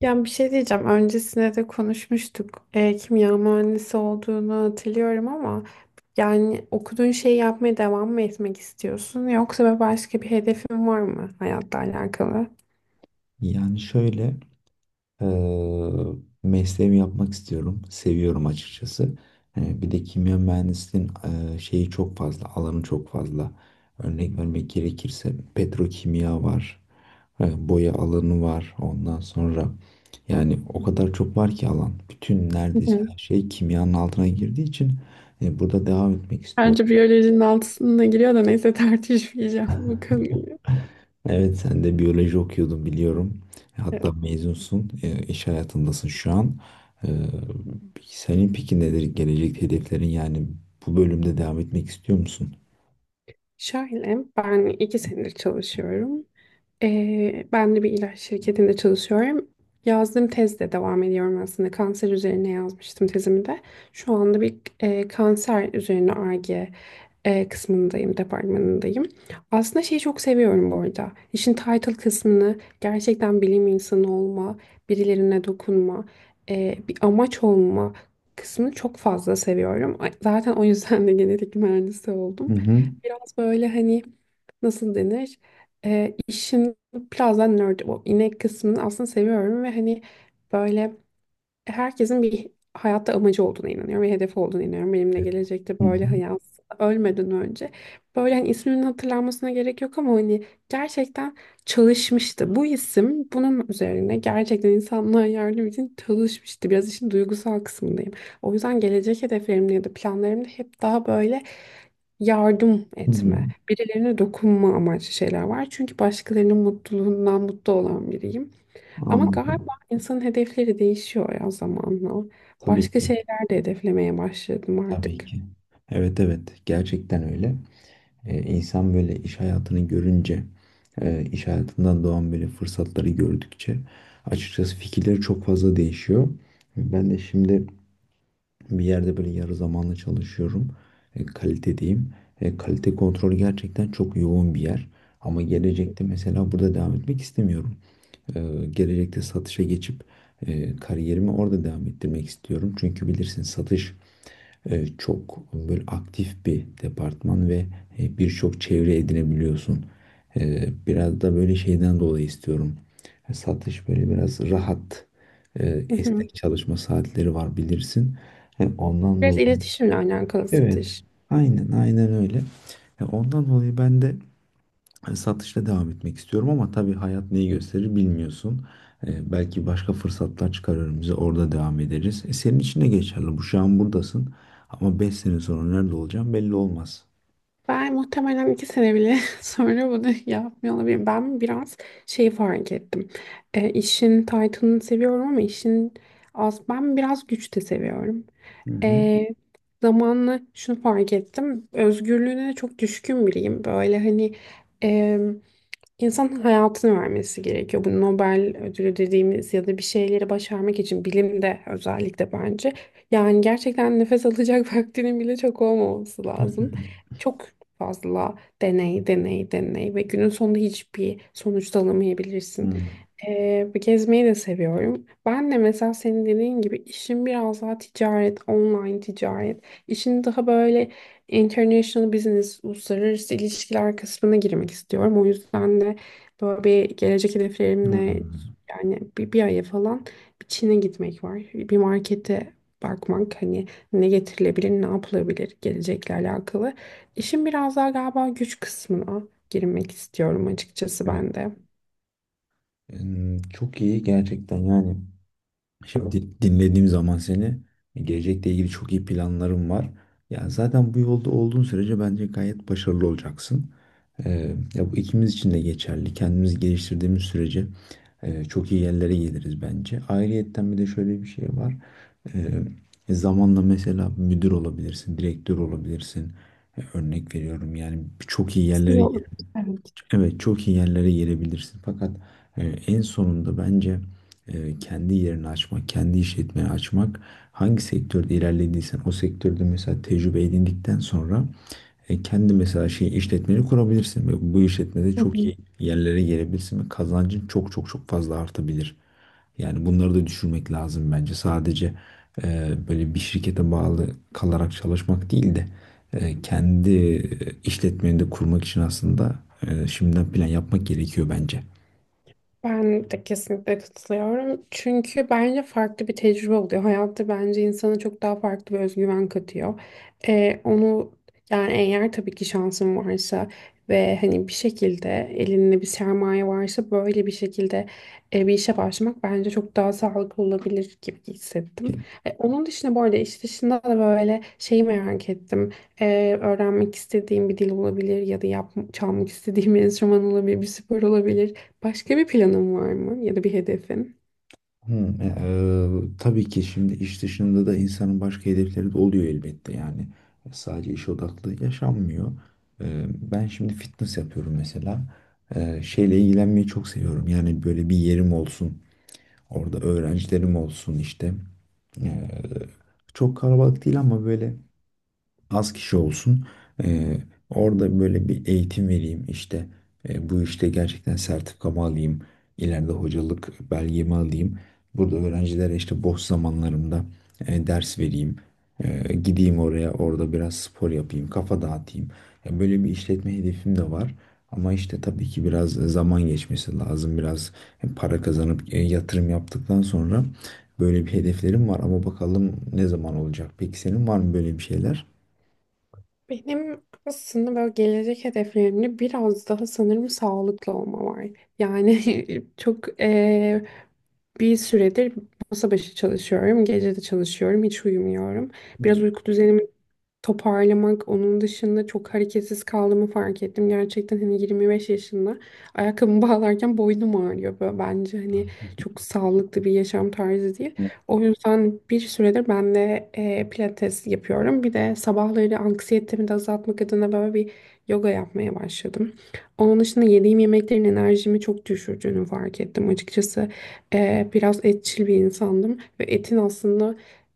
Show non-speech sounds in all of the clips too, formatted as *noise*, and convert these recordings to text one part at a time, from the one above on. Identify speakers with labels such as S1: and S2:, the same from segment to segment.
S1: Ya bir şey diyeceğim. Öncesinde de konuşmuştuk. Kimya mühendisi olduğunu hatırlıyorum ama yani okuduğun şeyi yapmaya devam mı etmek istiyorsun yoksa başka bir hedefin var mı hayatla alakalı?
S2: Yani şöyle eee mesleğimi yapmak istiyorum. Seviyorum açıkçası. Hani bir de kimya mühendisliğin, şeyi çok fazla, alanı çok fazla. Örnek vermek gerekirse petrokimya var. Boya alanı var. Ondan sonra yani o kadar çok var ki alan. Bütün
S1: Hı
S2: neredeyse
S1: hı.
S2: her şey kimyanın altına girdiği için burada devam etmek istiyorum.
S1: Bence biyolojinin altısına giriyor da neyse tartışmayacağım bu konuyu.
S2: Evet, sen de biyoloji okuyordun biliyorum. Hatta
S1: Evet.
S2: mezunsun, iş hayatındasın şu an. E, Senin peki nedir gelecek hedeflerin, yani bu bölümde devam etmek istiyor musun?
S1: Şöyle, ben iki senedir çalışıyorum. Ben de bir ilaç şirketinde çalışıyorum. Yazdığım tezde devam ediyorum aslında. Kanser üzerine yazmıştım tezimi de. Şu anda bir e, kanser üzerine ar e, kısmındayım, departmanındayım. Aslında şeyi çok seviyorum bu arada. İşin title kısmını, gerçekten bilim insanı olma, birilerine dokunma, bir amaç olma kısmını çok fazla seviyorum. Zaten o yüzden de genetik mühendisi
S2: Hı
S1: oldum.
S2: hı.
S1: Biraz böyle hani, nasıl denir? İşin biraz da nerd, o inek kısmını aslında seviyorum ve hani böyle herkesin bir hayatta amacı olduğuna inanıyorum ve hedefi olduğuna inanıyorum. Benimle gelecekte
S2: Hı
S1: böyle
S2: hı.
S1: hayat, ölmeden önce böyle hani isminin hatırlanmasına gerek yok ama hani gerçekten çalışmıştı. Bu isim bunun üzerine gerçekten insanlığa yardım için çalışmıştı. Biraz işin duygusal kısmındayım. O yüzden gelecek hedeflerimde ya da planlarımda hep daha böyle yardım
S2: Hı hı.
S1: etme, birilerine dokunma amaçlı şeyler var. Çünkü başkalarının mutluluğundan mutlu olan biriyim. Ama
S2: Anladım.
S1: galiba insanın hedefleri değişiyor ya zamanla.
S2: Tabii
S1: Başka
S2: ki.
S1: şeyler de hedeflemeye başladım
S2: Tabii
S1: artık.
S2: ki. Evet, evet, gerçekten öyle. E, insan böyle iş hayatını görünce, iş hayatından doğan böyle fırsatları gördükçe açıkçası fikirleri çok fazla değişiyor. Ben de şimdi bir yerde böyle yarı zamanlı çalışıyorum. Kalite diyeyim. Kalite kontrolü gerçekten çok yoğun bir yer. Ama gelecekte mesela burada devam etmek istemiyorum. Gelecekte satışa geçip kariyerimi orada devam ettirmek istiyorum. Çünkü bilirsin, satış çok böyle aktif bir departman ve birçok çevre edinebiliyorsun. Biraz da böyle şeyden dolayı istiyorum. Satış böyle biraz rahat, e,
S1: Hı hı.
S2: esnek çalışma saatleri var bilirsin. Ondan
S1: Biraz
S2: dolayı,
S1: iletişimle alakalı
S2: evet,
S1: satış.
S2: aynen aynen öyle. Ondan dolayı ben de hani satışla devam etmek istiyorum, ama tabii hayat neyi gösterir bilmiyorsun. Belki başka fırsatlar çıkarır, bize orada devam ederiz. Senin için de geçerli. Bu şu an buradasın ama 5 sene sonra nerede olacağım belli olmaz.
S1: Ben muhtemelen iki sene bile *laughs* sonra bunu yapmıyor olabilirim. Ben biraz şey fark ettim. İşin title'ını seviyorum ama işin az. Ben biraz güç de seviyorum.
S2: Hı hı.
S1: E, Zamanla şunu fark ettim. Özgürlüğüne de çok düşkün biriyim. Böyle hani, İnsanın hayatını vermesi gerekiyor. Bu Nobel ödülü dediğimiz ya da bir şeyleri başarmak için bilimde özellikle bence. Yani gerçekten nefes alacak *laughs* vaktinin bile çok olmaması lazım.
S2: *laughs*
S1: Çok fazla deney, deney, deney ve günün sonunda hiçbir sonuç da alamayabilirsin.
S2: Hmm.
S1: Gezmeyi de seviyorum. Ben de mesela senin dediğin gibi işim biraz daha ticaret, online ticaret. İşin daha böyle International Business, uluslararası ilişkiler kısmına girmek istiyorum. O yüzden de böyle bir gelecek hedeflerimle
S2: Hmm.
S1: yani bir aya falan bir Çin'e gitmek var. Bir markete bakmak, hani ne getirilebilir, ne yapılabilir gelecekle alakalı. İşin biraz daha galiba güç kısmına girmek istiyorum açıkçası
S2: Evet.
S1: ben de.
S2: Çok iyi gerçekten, yani. Şimdi dinlediğim zaman seni, gelecekle ilgili çok iyi planlarım var. Ya zaten bu yolda olduğun sürece bence gayet başarılı olacaksın. Ya bu ikimiz için de geçerli. Kendimizi geliştirdiğimiz sürece çok iyi yerlere geliriz bence. Ayrıyetten bir de şöyle bir şey var. Ee, Zamanla mesela müdür olabilirsin, direktör olabilirsin. Örnek veriyorum, yani çok iyi yerlere
S1: Şey olur. Evet.
S2: evet, çok iyi yerlere gelebilirsin. Fakat en sonunda bence kendi yerini açmak, kendi işletmeyi açmak, hangi sektörde ilerlediysen o sektörde mesela tecrübe edindikten sonra kendi mesela şey işletmeni kurabilirsin, ve bu işletmede
S1: Hı
S2: çok
S1: hı.
S2: iyi yerlere gelebilirsin ve kazancın çok çok çok fazla artabilir. Yani bunları da düşürmek lazım bence. Sadece böyle bir şirkete bağlı kalarak çalışmak değil de kendi işletmeni de kurmak için aslında şimdiden plan yapmak gerekiyor bence.
S1: Ben de kesinlikle katılıyorum. Çünkü bence farklı bir tecrübe oluyor. Hayatta bence insana çok daha farklı bir özgüven katıyor. Onu yani eğer tabii ki şansın varsa ve hani bir şekilde elinde bir sermaye varsa böyle bir şekilde bir işe başlamak bence çok daha sağlıklı olabilir gibi hissettim. Onun dışında bu arada iş dışında da böyle şeyi merak ettim. Öğrenmek istediğim bir dil olabilir ya da çalmak istediğim bir enstrüman olabilir, bir spor olabilir. Başka bir planın var mı ya da bir hedefin?
S2: Tabii ki, şimdi iş dışında da insanın başka hedefleri de oluyor elbette, yani sadece iş odaklı yaşanmıyor. E, ben şimdi fitness yapıyorum mesela. Şeyle ilgilenmeyi çok seviyorum, yani böyle bir yerim olsun, orada öğrencilerim olsun işte. E, Çok kalabalık değil, ama böyle az kişi olsun. Eee, Orada böyle bir eğitim vereyim işte. Bu işte gerçekten sertifikamı alayım, ileride hocalık belgemi alayım. Burada öğrencilere işte boş zamanlarımda ders vereyim. Gideyim oraya, orada biraz spor yapayım. Kafa dağıtayım. Ya böyle bir işletme hedefim de var. Ama işte tabii ki biraz zaman geçmesi lazım. Biraz para kazanıp yatırım yaptıktan sonra böyle bir hedeflerim var. Ama bakalım ne zaman olacak. Peki senin var mı böyle bir şeyler?
S1: Benim aslında böyle gelecek hedeflerimde biraz daha sanırım sağlıklı olma var. Yani *laughs* çok, bir süredir masa başı çalışıyorum. Gece de çalışıyorum. Hiç uyumuyorum. Biraz
S2: Hı.
S1: uyku düzenimi toparlamak, onun dışında çok hareketsiz kaldığımı fark ettim. Gerçekten hani 25 yaşında ayakkabımı *laughs* bağlarken boynum ağrıyor. Böyle bence hani çok sağlıklı bir yaşam tarzı değil. O yüzden bir süredir ben de pilates yapıyorum. Bir de sabahları anksiyetemi de azaltmak adına böyle bir yoga yapmaya başladım. Onun dışında yediğim yemeklerin enerjimi çok düşürdüğünü fark ettim açıkçası. Biraz etçil bir insandım ve etin aslında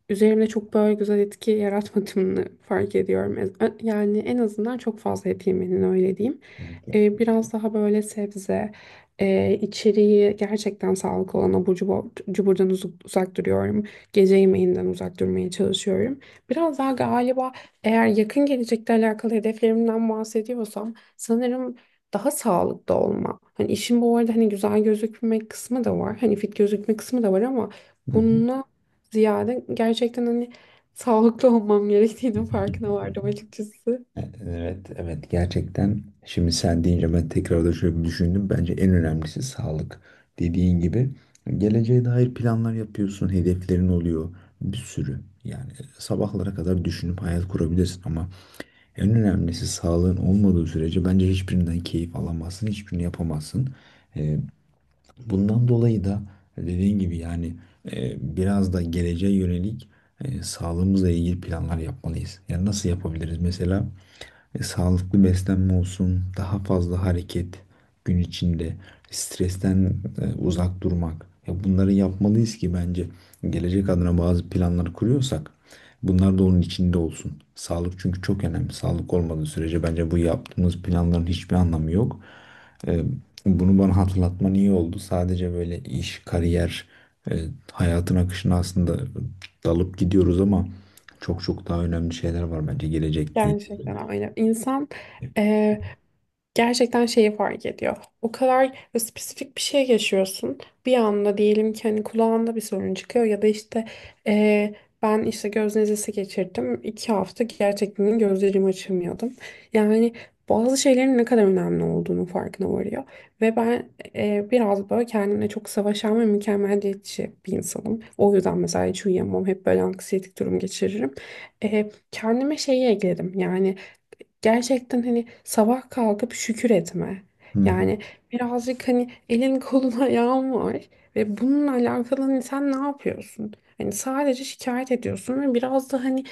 S1: üzerimde çok böyle güzel etki yaratmadığını fark ediyorum. Yani en azından çok fazla et yemenin öyle diyeyim.
S2: Kesinlikle.
S1: Biraz daha böyle sebze, içeriği gerçekten sağlıklı olan abur cubur, cuburdan uzak duruyorum. Gece yemeğinden uzak durmaya çalışıyorum. Biraz daha galiba eğer yakın gelecekte alakalı hedeflerimden bahsediyorsam sanırım daha sağlıklı olma. Hani işin bu arada hani güzel gözükmek kısmı da var. Hani fit gözükme kısmı da var ama
S2: Hı hı.
S1: bununla ziyade gerçekten hani sağlıklı *laughs* olmam gerektiğinin farkına vardım açıkçası.
S2: Evet, evet, gerçekten şimdi sen deyince ben tekrar da şöyle bir düşündüm. Bence en önemlisi sağlık. Dediğin gibi geleceğe dair planlar yapıyorsun, hedeflerin oluyor bir sürü. Yani sabahlara kadar düşünüp hayal kurabilirsin, ama en önemlisi sağlığın olmadığı sürece bence hiçbirinden keyif alamazsın, hiçbirini yapamazsın. Bundan dolayı da dediğin gibi, yani biraz da geleceğe yönelik sağlığımızla ilgili planlar yapmalıyız. Yani nasıl yapabiliriz? Mesela sağlıklı beslenme olsun, daha fazla hareket gün içinde, stresten uzak durmak. Ya bunları yapmalıyız ki bence gelecek adına bazı planlar kuruyorsak bunlar da onun içinde olsun. Sağlık çünkü çok önemli. Sağlık olmadığı sürece bence bu yaptığımız planların hiçbir anlamı yok. E, bunu bana hatırlatman iyi oldu. Sadece böyle iş, kariyer, e, hayatın akışına aslında dalıp gidiyoruz, ama çok çok daha önemli şeyler var bence gelecekte.
S1: Gerçekten öyle. İnsan eee, gerçekten şeyi fark ediyor. O kadar böyle spesifik bir şey yaşıyorsun. Bir anda diyelim ki hani kulağında bir sorun çıkıyor ya da işte eee, ben işte göz nezlesi geçirdim. İki hafta gerçekten gözlerimi açamıyordum. Yani bazı şeylerin ne kadar önemli olduğunu farkına varıyor. Ve ben biraz böyle kendimle çok savaşan ve mükemmeliyetçi bir insanım. O yüzden mesela hiç uyuyamam. Hep böyle anksiyetik durum geçiririm. Kendime şeyi ekledim. Yani gerçekten hani sabah kalkıp şükür etme.
S2: Hı hı.
S1: Yani birazcık hani elin kolun ayağın *laughs* var ve bununla alakalı hani sen ne yapıyorsun? Hani sadece şikayet ediyorsun ve biraz da hani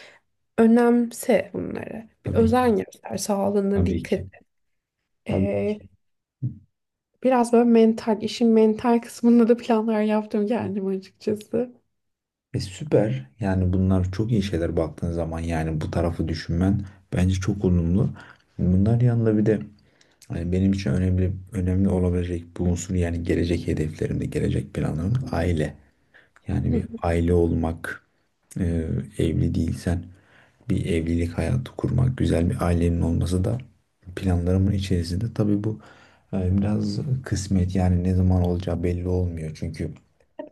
S1: önemse bunları. Bir
S2: Tabii ki.
S1: özen göster, sağlığına
S2: Tabii
S1: dikkat
S2: ki.
S1: et.
S2: Tabii ki.
S1: Ee, Biraz böyle mental, işin mental kısmında da planlar yaptım kendim açıkçası.
S2: E, süper. Yani bunlar çok iyi şeyler baktığın zaman, yani bu tarafı düşünmen bence çok olumlu. Bunlar yanında bir de hani benim için önemli önemli olabilecek bir unsur, yani gelecek hedeflerimde, gelecek planlarım aile. Yani bir
S1: *laughs*
S2: aile olmak, e, evli değilsen bir evlilik hayatı kurmak, güzel bir ailenin olması da planlarımın içerisinde. Tabii bu biraz kısmet, yani ne zaman olacağı belli olmuyor. Çünkü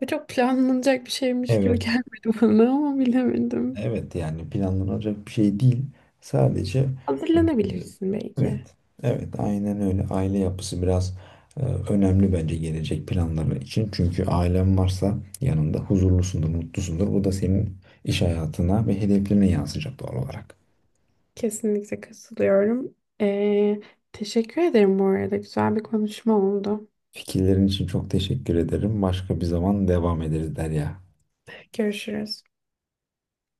S1: Bu çok planlanacak bir şeymiş gibi
S2: evet.
S1: gelmedi bana ama bilemedim.
S2: Evet, yani planlanacak bir şey değil. Sadece
S1: Hazırlanabilirsin belki.
S2: evet, evet, aynen öyle. Aile yapısı biraz önemli bence gelecek planları için. Çünkü ailen varsa yanında huzurlusundur, mutlusundur. Bu da senin iş hayatına ve hedeflerine yansıyacak doğal olarak.
S1: Kesinlikle katılıyorum. Ee, Teşekkür ederim bu arada. Güzel bir konuşma oldu.
S2: Fikirlerin için çok teşekkür ederim. Başka bir zaman devam ederiz, Derya.
S1: Görüşürüz.